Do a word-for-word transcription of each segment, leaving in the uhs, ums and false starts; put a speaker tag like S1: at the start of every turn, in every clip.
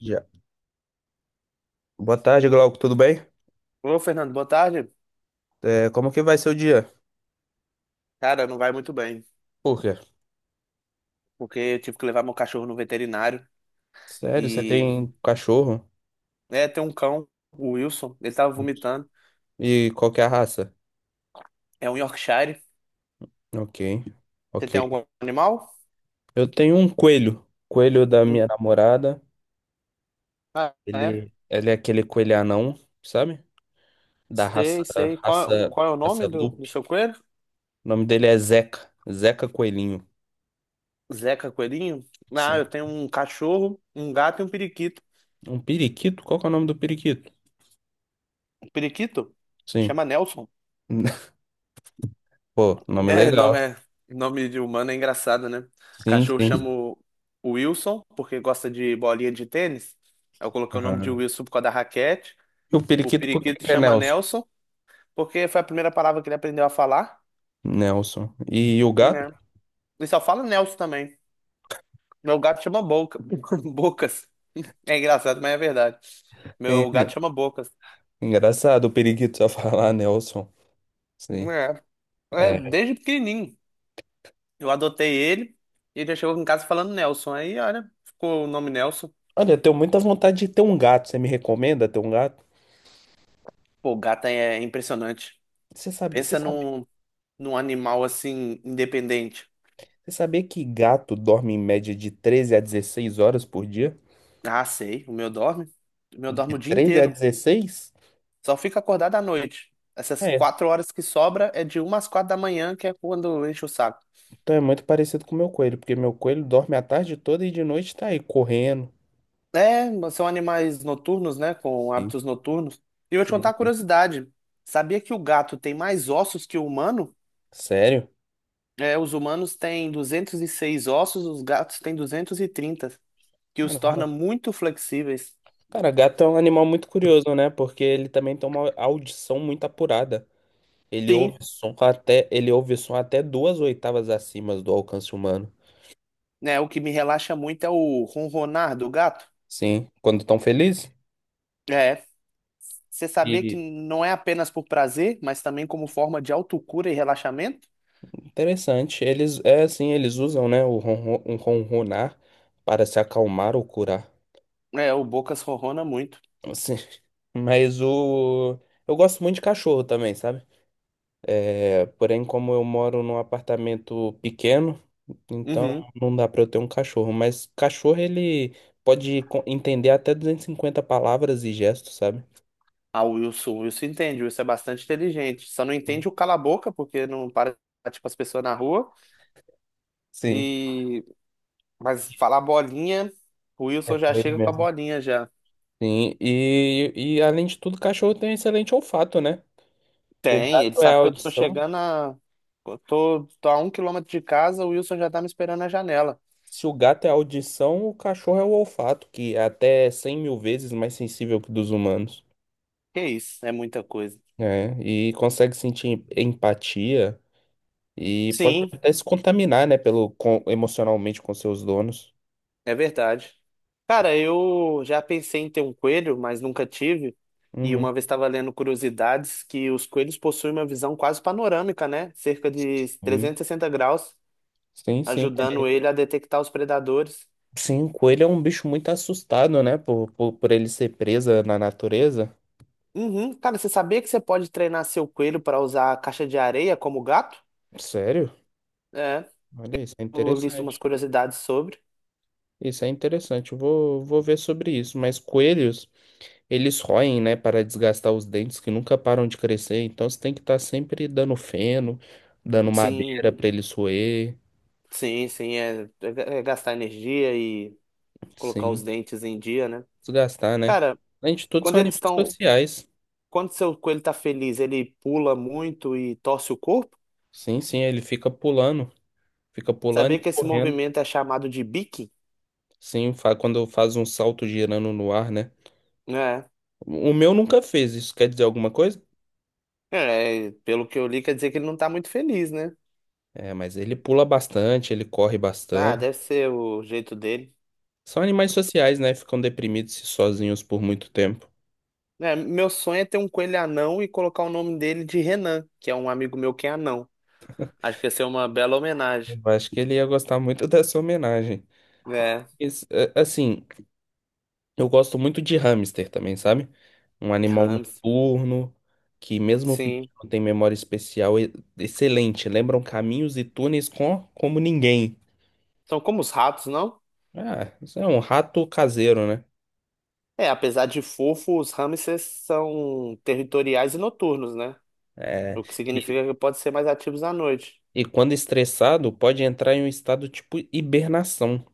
S1: Já. Boa tarde, Glauco, tudo bem?
S2: Ô, Fernando, boa tarde.
S1: É, como que vai ser o dia?
S2: Cara, não vai muito bem,
S1: Por quê?
S2: porque eu tive que levar meu cachorro no veterinário
S1: Sério, você
S2: e
S1: tem cachorro?
S2: é, tem um cão, o Wilson, ele tava vomitando.
S1: E qual que é a raça?
S2: É um Yorkshire.
S1: Ok,
S2: Você
S1: ok.
S2: tem algum animal?
S1: Eu tenho um coelho. Coelho da
S2: Hum.
S1: minha namorada.
S2: Ah, é.
S1: Ele, ele é aquele coelho anão, sabe? Da raça,
S2: Sei, sei. Qual,
S1: raça,
S2: qual é o
S1: raça
S2: nome do, do
S1: Lupe.
S2: seu coelho?
S1: O nome dele é Zeca. Zeca Coelhinho.
S2: Zeca Coelhinho? Ah,
S1: Sim.
S2: eu tenho um cachorro, um gato e um periquito.
S1: Um periquito? Qual que é o nome do periquito?
S2: Um periquito?
S1: Sim.
S2: Chama Nelson.
S1: Pô, nome
S2: É, nome,
S1: legal.
S2: é, nome de humano é engraçado, né?
S1: Sim,
S2: Cachorro chama
S1: sim.
S2: o o Wilson, porque gosta de bolinha de tênis. Aí eu coloquei o nome de
S1: Ah.
S2: Wilson por causa da raquete.
S1: E o
S2: O
S1: periquito, por que
S2: periquito
S1: que é
S2: chama
S1: Nelson?
S2: Nelson, porque foi a primeira palavra que ele aprendeu a falar,
S1: Nelson. E o gato?
S2: né? Ele só fala Nelson também. Meu gato chama Boca. Bocas. É engraçado, mas é verdade. Meu
S1: É
S2: gato chama Bocas.
S1: engraçado o periquito só falar Nelson. Sim.
S2: É, é
S1: É.
S2: desde pequenininho. Eu adotei ele e ele já chegou em casa falando Nelson. Aí, olha, ficou o nome Nelson.
S1: Olha, eu tenho muita vontade de ter um gato. Você me recomenda ter um gato?
S2: Pô, o gato é impressionante.
S1: Você sabe, você
S2: Pensa
S1: sabe,
S2: num, num animal assim, independente.
S1: você sabia que gato dorme em média de treze a dezesseis horas por dia?
S2: Ah, sei, o meu dorme. O meu dorme o dia
S1: treze a
S2: inteiro.
S1: dezesseis
S2: Só fica acordado à noite. Essas
S1: É.
S2: quatro horas que sobra é de uma às quatro da manhã, que é quando enche o saco.
S1: Então é muito parecido com o meu coelho, porque meu coelho dorme a tarde toda e de noite tá aí correndo.
S2: É, são animais noturnos, né? Com
S1: Sim.
S2: hábitos noturnos. E eu vou te
S1: Sim.
S2: contar uma curiosidade. Sabia que o gato tem mais ossos que o humano?
S1: Sério?
S2: É, os humanos têm duzentos e seis ossos, os gatos têm duzentos e trinta, que os
S1: Caramba.
S2: torna muito flexíveis.
S1: Cara, gato é um animal muito curioso, né? Porque ele também tem uma audição muito apurada. Ele ouve
S2: Sim,
S1: som até, ele ouve som até duas oitavas acima do alcance humano.
S2: né? O que me relaxa muito é o ronronar do gato.
S1: Sim, quando estão felizes.
S2: É, você saber que
S1: E
S2: não é apenas por prazer, mas também como forma de autocura e relaxamento.
S1: interessante, eles é assim, eles usam, né, o ronron- um ronronar para se acalmar ou curar.
S2: É, o Bocas ronrona muito.
S1: Assim, mas o eu gosto muito de cachorro também, sabe? É, porém, como eu moro num apartamento pequeno, então
S2: Uhum.
S1: não dá para eu ter um cachorro, mas cachorro ele pode co- entender até duzentas e cinquenta palavras e gestos, sabe?
S2: Ah, o Wilson, o Wilson entende, o Wilson é bastante inteligente. Só não
S1: Sim.
S2: entende o cala a boca, porque não para, tipo, as pessoas na rua.
S1: Sim.
S2: E... Mas falar bolinha, o
S1: É
S2: Wilson já
S1: com ele
S2: chega com a
S1: mesmo.
S2: bolinha já.
S1: Sim, e, e além de tudo, o cachorro tem um excelente olfato, né? O
S2: Tem, ele
S1: gato é a
S2: sabe que eu tô
S1: audição.
S2: chegando a... Eu tô, tô a um quilômetro de casa, o Wilson já tá me esperando na janela.
S1: Se o gato é a audição, o cachorro é o olfato, que é até cem mil vezes mais sensível que o dos humanos.
S2: Que isso, é muita coisa.
S1: Né? E consegue sentir empatia e pode
S2: Sim,
S1: até se contaminar, né, pelo, com- emocionalmente com seus donos.
S2: é verdade. Cara, eu já pensei em ter um coelho, mas nunca tive. E
S1: Uhum.
S2: uma vez estava lendo curiosidades que os coelhos possuem uma visão quase panorâmica, né? Cerca de trezentos e sessenta graus,
S1: Sim, sim. Sim,
S2: ajudando ele a detectar os predadores.
S1: sim, o coelho é um bicho muito assustado, né, por, por, por ele ser presa na natureza.
S2: Uhum. Cara, você sabia que você pode treinar seu coelho para usar a caixa de areia como gato?
S1: Sério?
S2: É,
S1: Olha isso, é
S2: eu li umas
S1: interessante.
S2: curiosidades sobre.
S1: Isso é interessante, eu vou, vou ver sobre isso. Mas coelhos, eles roem, né, para desgastar os dentes que nunca param de crescer. Então você tem que estar sempre dando feno, dando
S2: Sim,
S1: madeira para eles roer.
S2: sim, sim, é, é é gastar energia e colocar os
S1: Sim,
S2: dentes em dia, né?
S1: desgastar, né?
S2: Cara,
S1: Além de tudo, são
S2: quando eles
S1: animais
S2: estão
S1: sociais.
S2: Quando seu coelho está feliz, ele pula muito e torce o corpo?
S1: Sim, sim, ele fica pulando, fica pulando
S2: Sabia
S1: e
S2: que esse
S1: correndo.
S2: movimento é chamado de beaking?
S1: Sim, fa- quando faz um salto girando no ar, né?
S2: É,
S1: O meu nunca fez, isso quer dizer alguma coisa?
S2: é, pelo que eu li, quer dizer que ele não está muito feliz, né?
S1: É, mas ele pula bastante, ele corre
S2: Ah,
S1: bastante.
S2: deve ser o jeito dele.
S1: São animais sociais, né? Ficam deprimidos e sozinhos por muito tempo.
S2: É, meu sonho é ter um coelho anão e colocar o nome dele de Renan, que é um amigo meu que é anão. Acho que ia ser uma bela homenagem.
S1: Eu acho que ele ia gostar muito dessa homenagem.
S2: É,
S1: Esse- é, assim, eu gosto muito de hamster também, sabe? Um animal
S2: hamster,
S1: noturno que, mesmo pequeno,
S2: sim.
S1: tem memória especial e- excelente. Lembram caminhos e túneis com, como ninguém.
S2: São como os ratos, não?
S1: Ah, isso é um rato caseiro, né?
S2: É, apesar de fofo, os hamsters são territoriais e noturnos, né?
S1: É,
S2: O que
S1: e,
S2: significa que podem ser mais ativos à noite.
S1: e quando estressado, pode entrar em um estado tipo hibernação.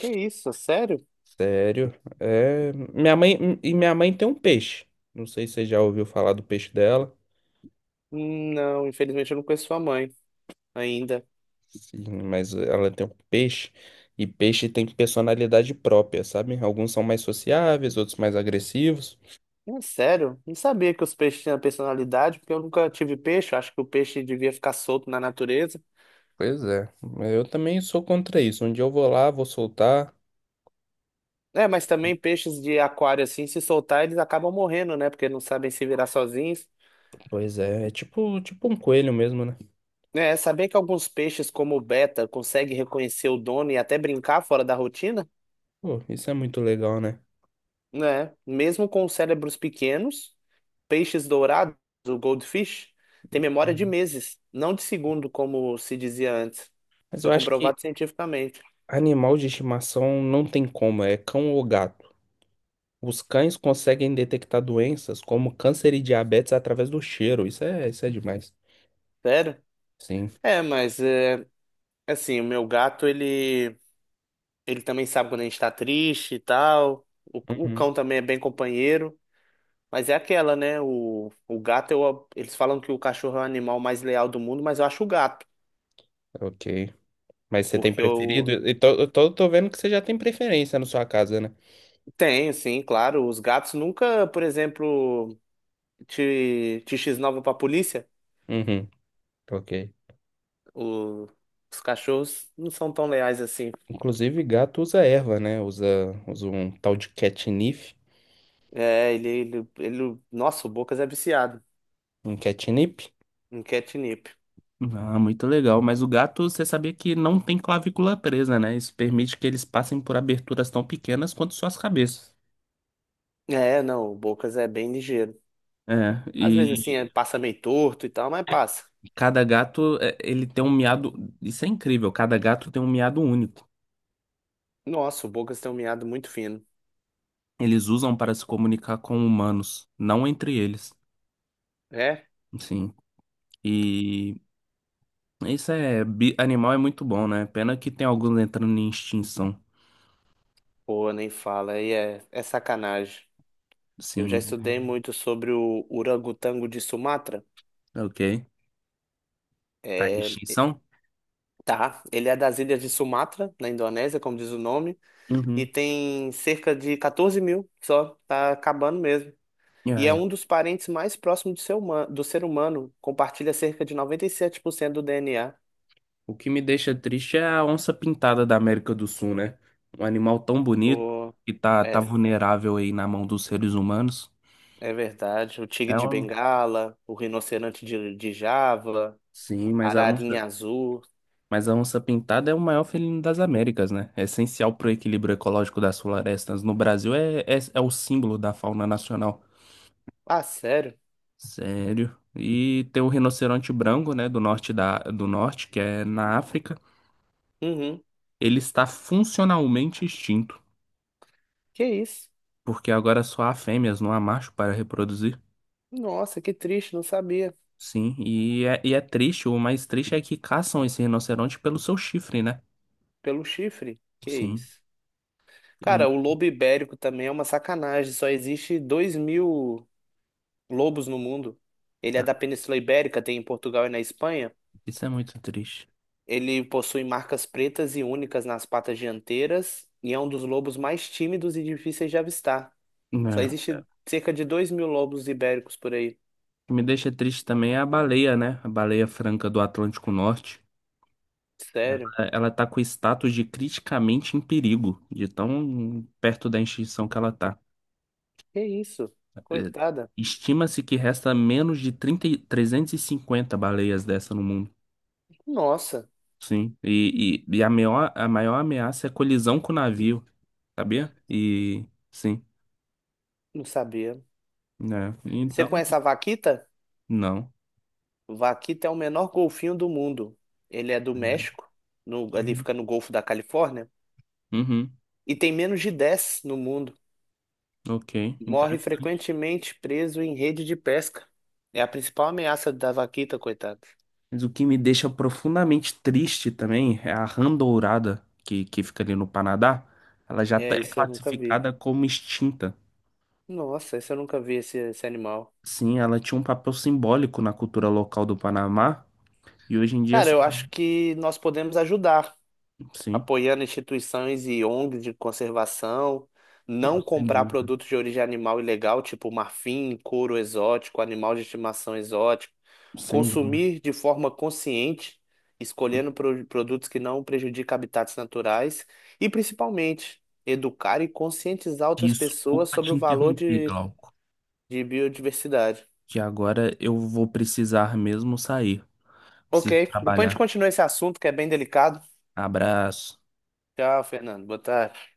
S2: Que isso? É sério?
S1: Sério. É, minha mãe e minha mãe tem um peixe. Não sei se você já ouviu falar do peixe dela,
S2: Não, infelizmente eu não conheço sua mãe ainda.
S1: sim, mas ela tem um peixe e peixe tem personalidade própria, sabe? Alguns são mais sociáveis, outros mais agressivos.
S2: É sério? Não sabia que os peixes tinham personalidade, porque eu nunca tive peixe. Eu acho que o peixe devia ficar solto na natureza.
S1: Pois é. Eu também sou contra isso. Um dia eu vou lá, vou soltar.
S2: É, mas também peixes de aquário, assim, se soltar, eles acabam morrendo, né? Porque não sabem se virar sozinhos.
S1: Pois é, é tipo, tipo um coelho mesmo, né?
S2: É, saber que alguns peixes, como o beta, conseguem reconhecer o dono e até brincar fora da rotina,
S1: Pô, isso é muito legal, né?
S2: né? Mesmo com cérebros pequenos. Peixes dourados, o goldfish, tem memória de meses, não de segundo, como se dizia antes.
S1: Mas
S2: Foi
S1: eu acho que
S2: comprovado cientificamente.
S1: animal de estimação não tem como, é cão ou gato. Os cães conseguem detectar doenças como câncer e diabetes através do cheiro. Isso é, isso é demais.
S2: Sério?
S1: Sim.
S2: É, mas é, assim, o meu gato, ele, ele também sabe quando a gente tá triste e tal. O, o
S1: Uhum.
S2: cão também é bem companheiro. Mas é aquela, né? O, o gato, eu, eles falam que o cachorro é o animal mais leal do mundo, mas eu acho o gato.
S1: Ok. Mas você tem
S2: Porque
S1: preferido?
S2: eu
S1: Eu tô, eu tô, tô vendo que você já tem preferência na sua casa, né?
S2: tenho, sim, claro. Os gatos nunca, por exemplo, te, te x-nova pra polícia.
S1: Uhum. Ok.
S2: O- os cachorros não são tão leais assim.
S1: Inclusive, gato usa erva, né? Usa, usa um tal de catnip.
S2: É, ele, ele, ele. Nossa, o Bocas é viciado
S1: Um catnip.
S2: em catnip.
S1: Ah, muito legal. Mas o gato, você sabia que não tem clavícula presa, né? Isso permite que eles passem por aberturas tão pequenas quanto suas cabeças.
S2: É, não, o Bocas é bem ligeiro.
S1: É,
S2: Às vezes, assim,
S1: e
S2: é- passa meio torto e tal, mas passa.
S1: cada gato, é, ele tem um miado. Isso é incrível. Cada gato tem um miado único.
S2: Nossa, o Bocas tem um miado muito fino.
S1: Eles usam para se comunicar com humanos, não entre eles.
S2: É?
S1: Sim. E isso é. bi- Animal é muito bom, né? Pena que tem alguns entrando em extinção.
S2: Pô, nem fala. Aí é, é sacanagem. Eu já
S1: Sim.
S2: estudei muito sobre o orangotango de Sumatra.
S1: Ok. Tá em
S2: É,
S1: extinção?
S2: tá. Ele é das ilhas de Sumatra, na Indonésia, como diz o nome, e
S1: Uhum.
S2: tem cerca de quatorze mil só. Tá acabando mesmo. E
S1: Ah,
S2: é
S1: é.
S2: um dos parentes mais próximos do ser humano, do ser humano. Compartilha cerca de noventa e sete por cento do D N A.
S1: O que me deixa triste é a onça pintada da América do Sul, né? Um animal tão bonito
S2: O,
S1: que tá, tá
S2: é,
S1: vulnerável aí na mão dos seres humanos.
S2: é verdade. O tigre
S1: É
S2: de
S1: um.
S2: Bengala, o rinoceronte de, de Java,
S1: Sim,
S2: a
S1: mas a onça.
S2: ararinha azul.
S1: Mas a onça-pintada é o maior felino das Américas, né? É essencial para o equilíbrio ecológico das florestas. No Brasil é, é, é o símbolo da fauna nacional.
S2: Ah, sério?
S1: Sério. E tem o rinoceronte branco, né, do norte da, do norte, que é na África.
S2: Uhum.
S1: Ele está funcionalmente extinto,
S2: Que isso?
S1: porque agora só há fêmeas, não há macho para reproduzir.
S2: Nossa, que triste, não sabia.
S1: Sim, e é, e é triste, o mais triste é que caçam esse rinoceronte pelo seu chifre, né?
S2: Pelo chifre? Que
S1: Sim.
S2: isso? Cara,
S1: E
S2: o lobo ibérico também é uma sacanagem. Só existe dois mil lobos no mundo. Ele é
S1: ah,
S2: da Península Ibérica, tem em Portugal e na Espanha.
S1: isso é muito triste.
S2: Ele possui marcas pretas e únicas nas patas dianteiras e é um dos lobos mais tímidos e difíceis de avistar. Só
S1: É.
S2: existe cerca de dois mil lobos ibéricos por aí.
S1: O que me deixa triste também é a baleia, né? A baleia franca do Atlântico Norte. Ela,
S2: Sério?
S1: ela tá com o status de criticamente em perigo, de tão perto da extinção que ela tá.
S2: Que isso?
S1: É,
S2: Coitada.
S1: estima-se que resta menos de trinta, e- trezentas e cinquenta baleias dessa no mundo.
S2: Nossa,
S1: Sim. E, e, e a maior, a maior ameaça é colisão com o navio, sabia? E sim,
S2: não sabia.
S1: né?
S2: Você
S1: Então,
S2: conhece a vaquita?
S1: não.
S2: Vaquita é o menor golfinho do mundo. Ele é do México, no- ali
S1: Uhum.
S2: fica no Golfo da Califórnia,
S1: Uhum.
S2: e tem menos de dez no mundo.
S1: Ok,
S2: Morre
S1: interessante.
S2: frequentemente preso em rede de pesca. É a principal ameaça da vaquita, coitada.
S1: Mas o que me deixa profundamente triste também é a rã dourada que, que fica ali no Panadá. Ela já tá-
S2: É,
S1: é
S2: isso eu nunca vi.
S1: classificada como extinta.
S2: Nossa, isso eu nunca vi esse, esse animal.
S1: Sim, ela tinha um papel simbólico na cultura local do Panamá e hoje em dia. É
S2: Cara,
S1: só-
S2: eu acho que nós podemos ajudar,
S1: Sim,
S2: apoiando instituições e O N Gs de conservação,
S1: não,
S2: não
S1: sem
S2: comprar
S1: dúvida,
S2: produtos de origem animal ilegal, tipo marfim, couro exótico, animal de estimação exótico,
S1: sem dúvida.
S2: consumir de forma consciente, escolhendo pro- produtos que não prejudicam habitats naturais e, principalmente, educar e conscientizar outras pessoas
S1: Desculpa
S2: sobre
S1: te
S2: o valor
S1: interromper,
S2: de,
S1: Glauco,
S2: de biodiversidade.
S1: que agora eu vou precisar mesmo sair.
S2: Ok,
S1: Preciso
S2: depois a gente
S1: trabalhar.
S2: continua esse assunto que é bem delicado.
S1: Abraço.
S2: Tchau, Fernando. Boa tarde.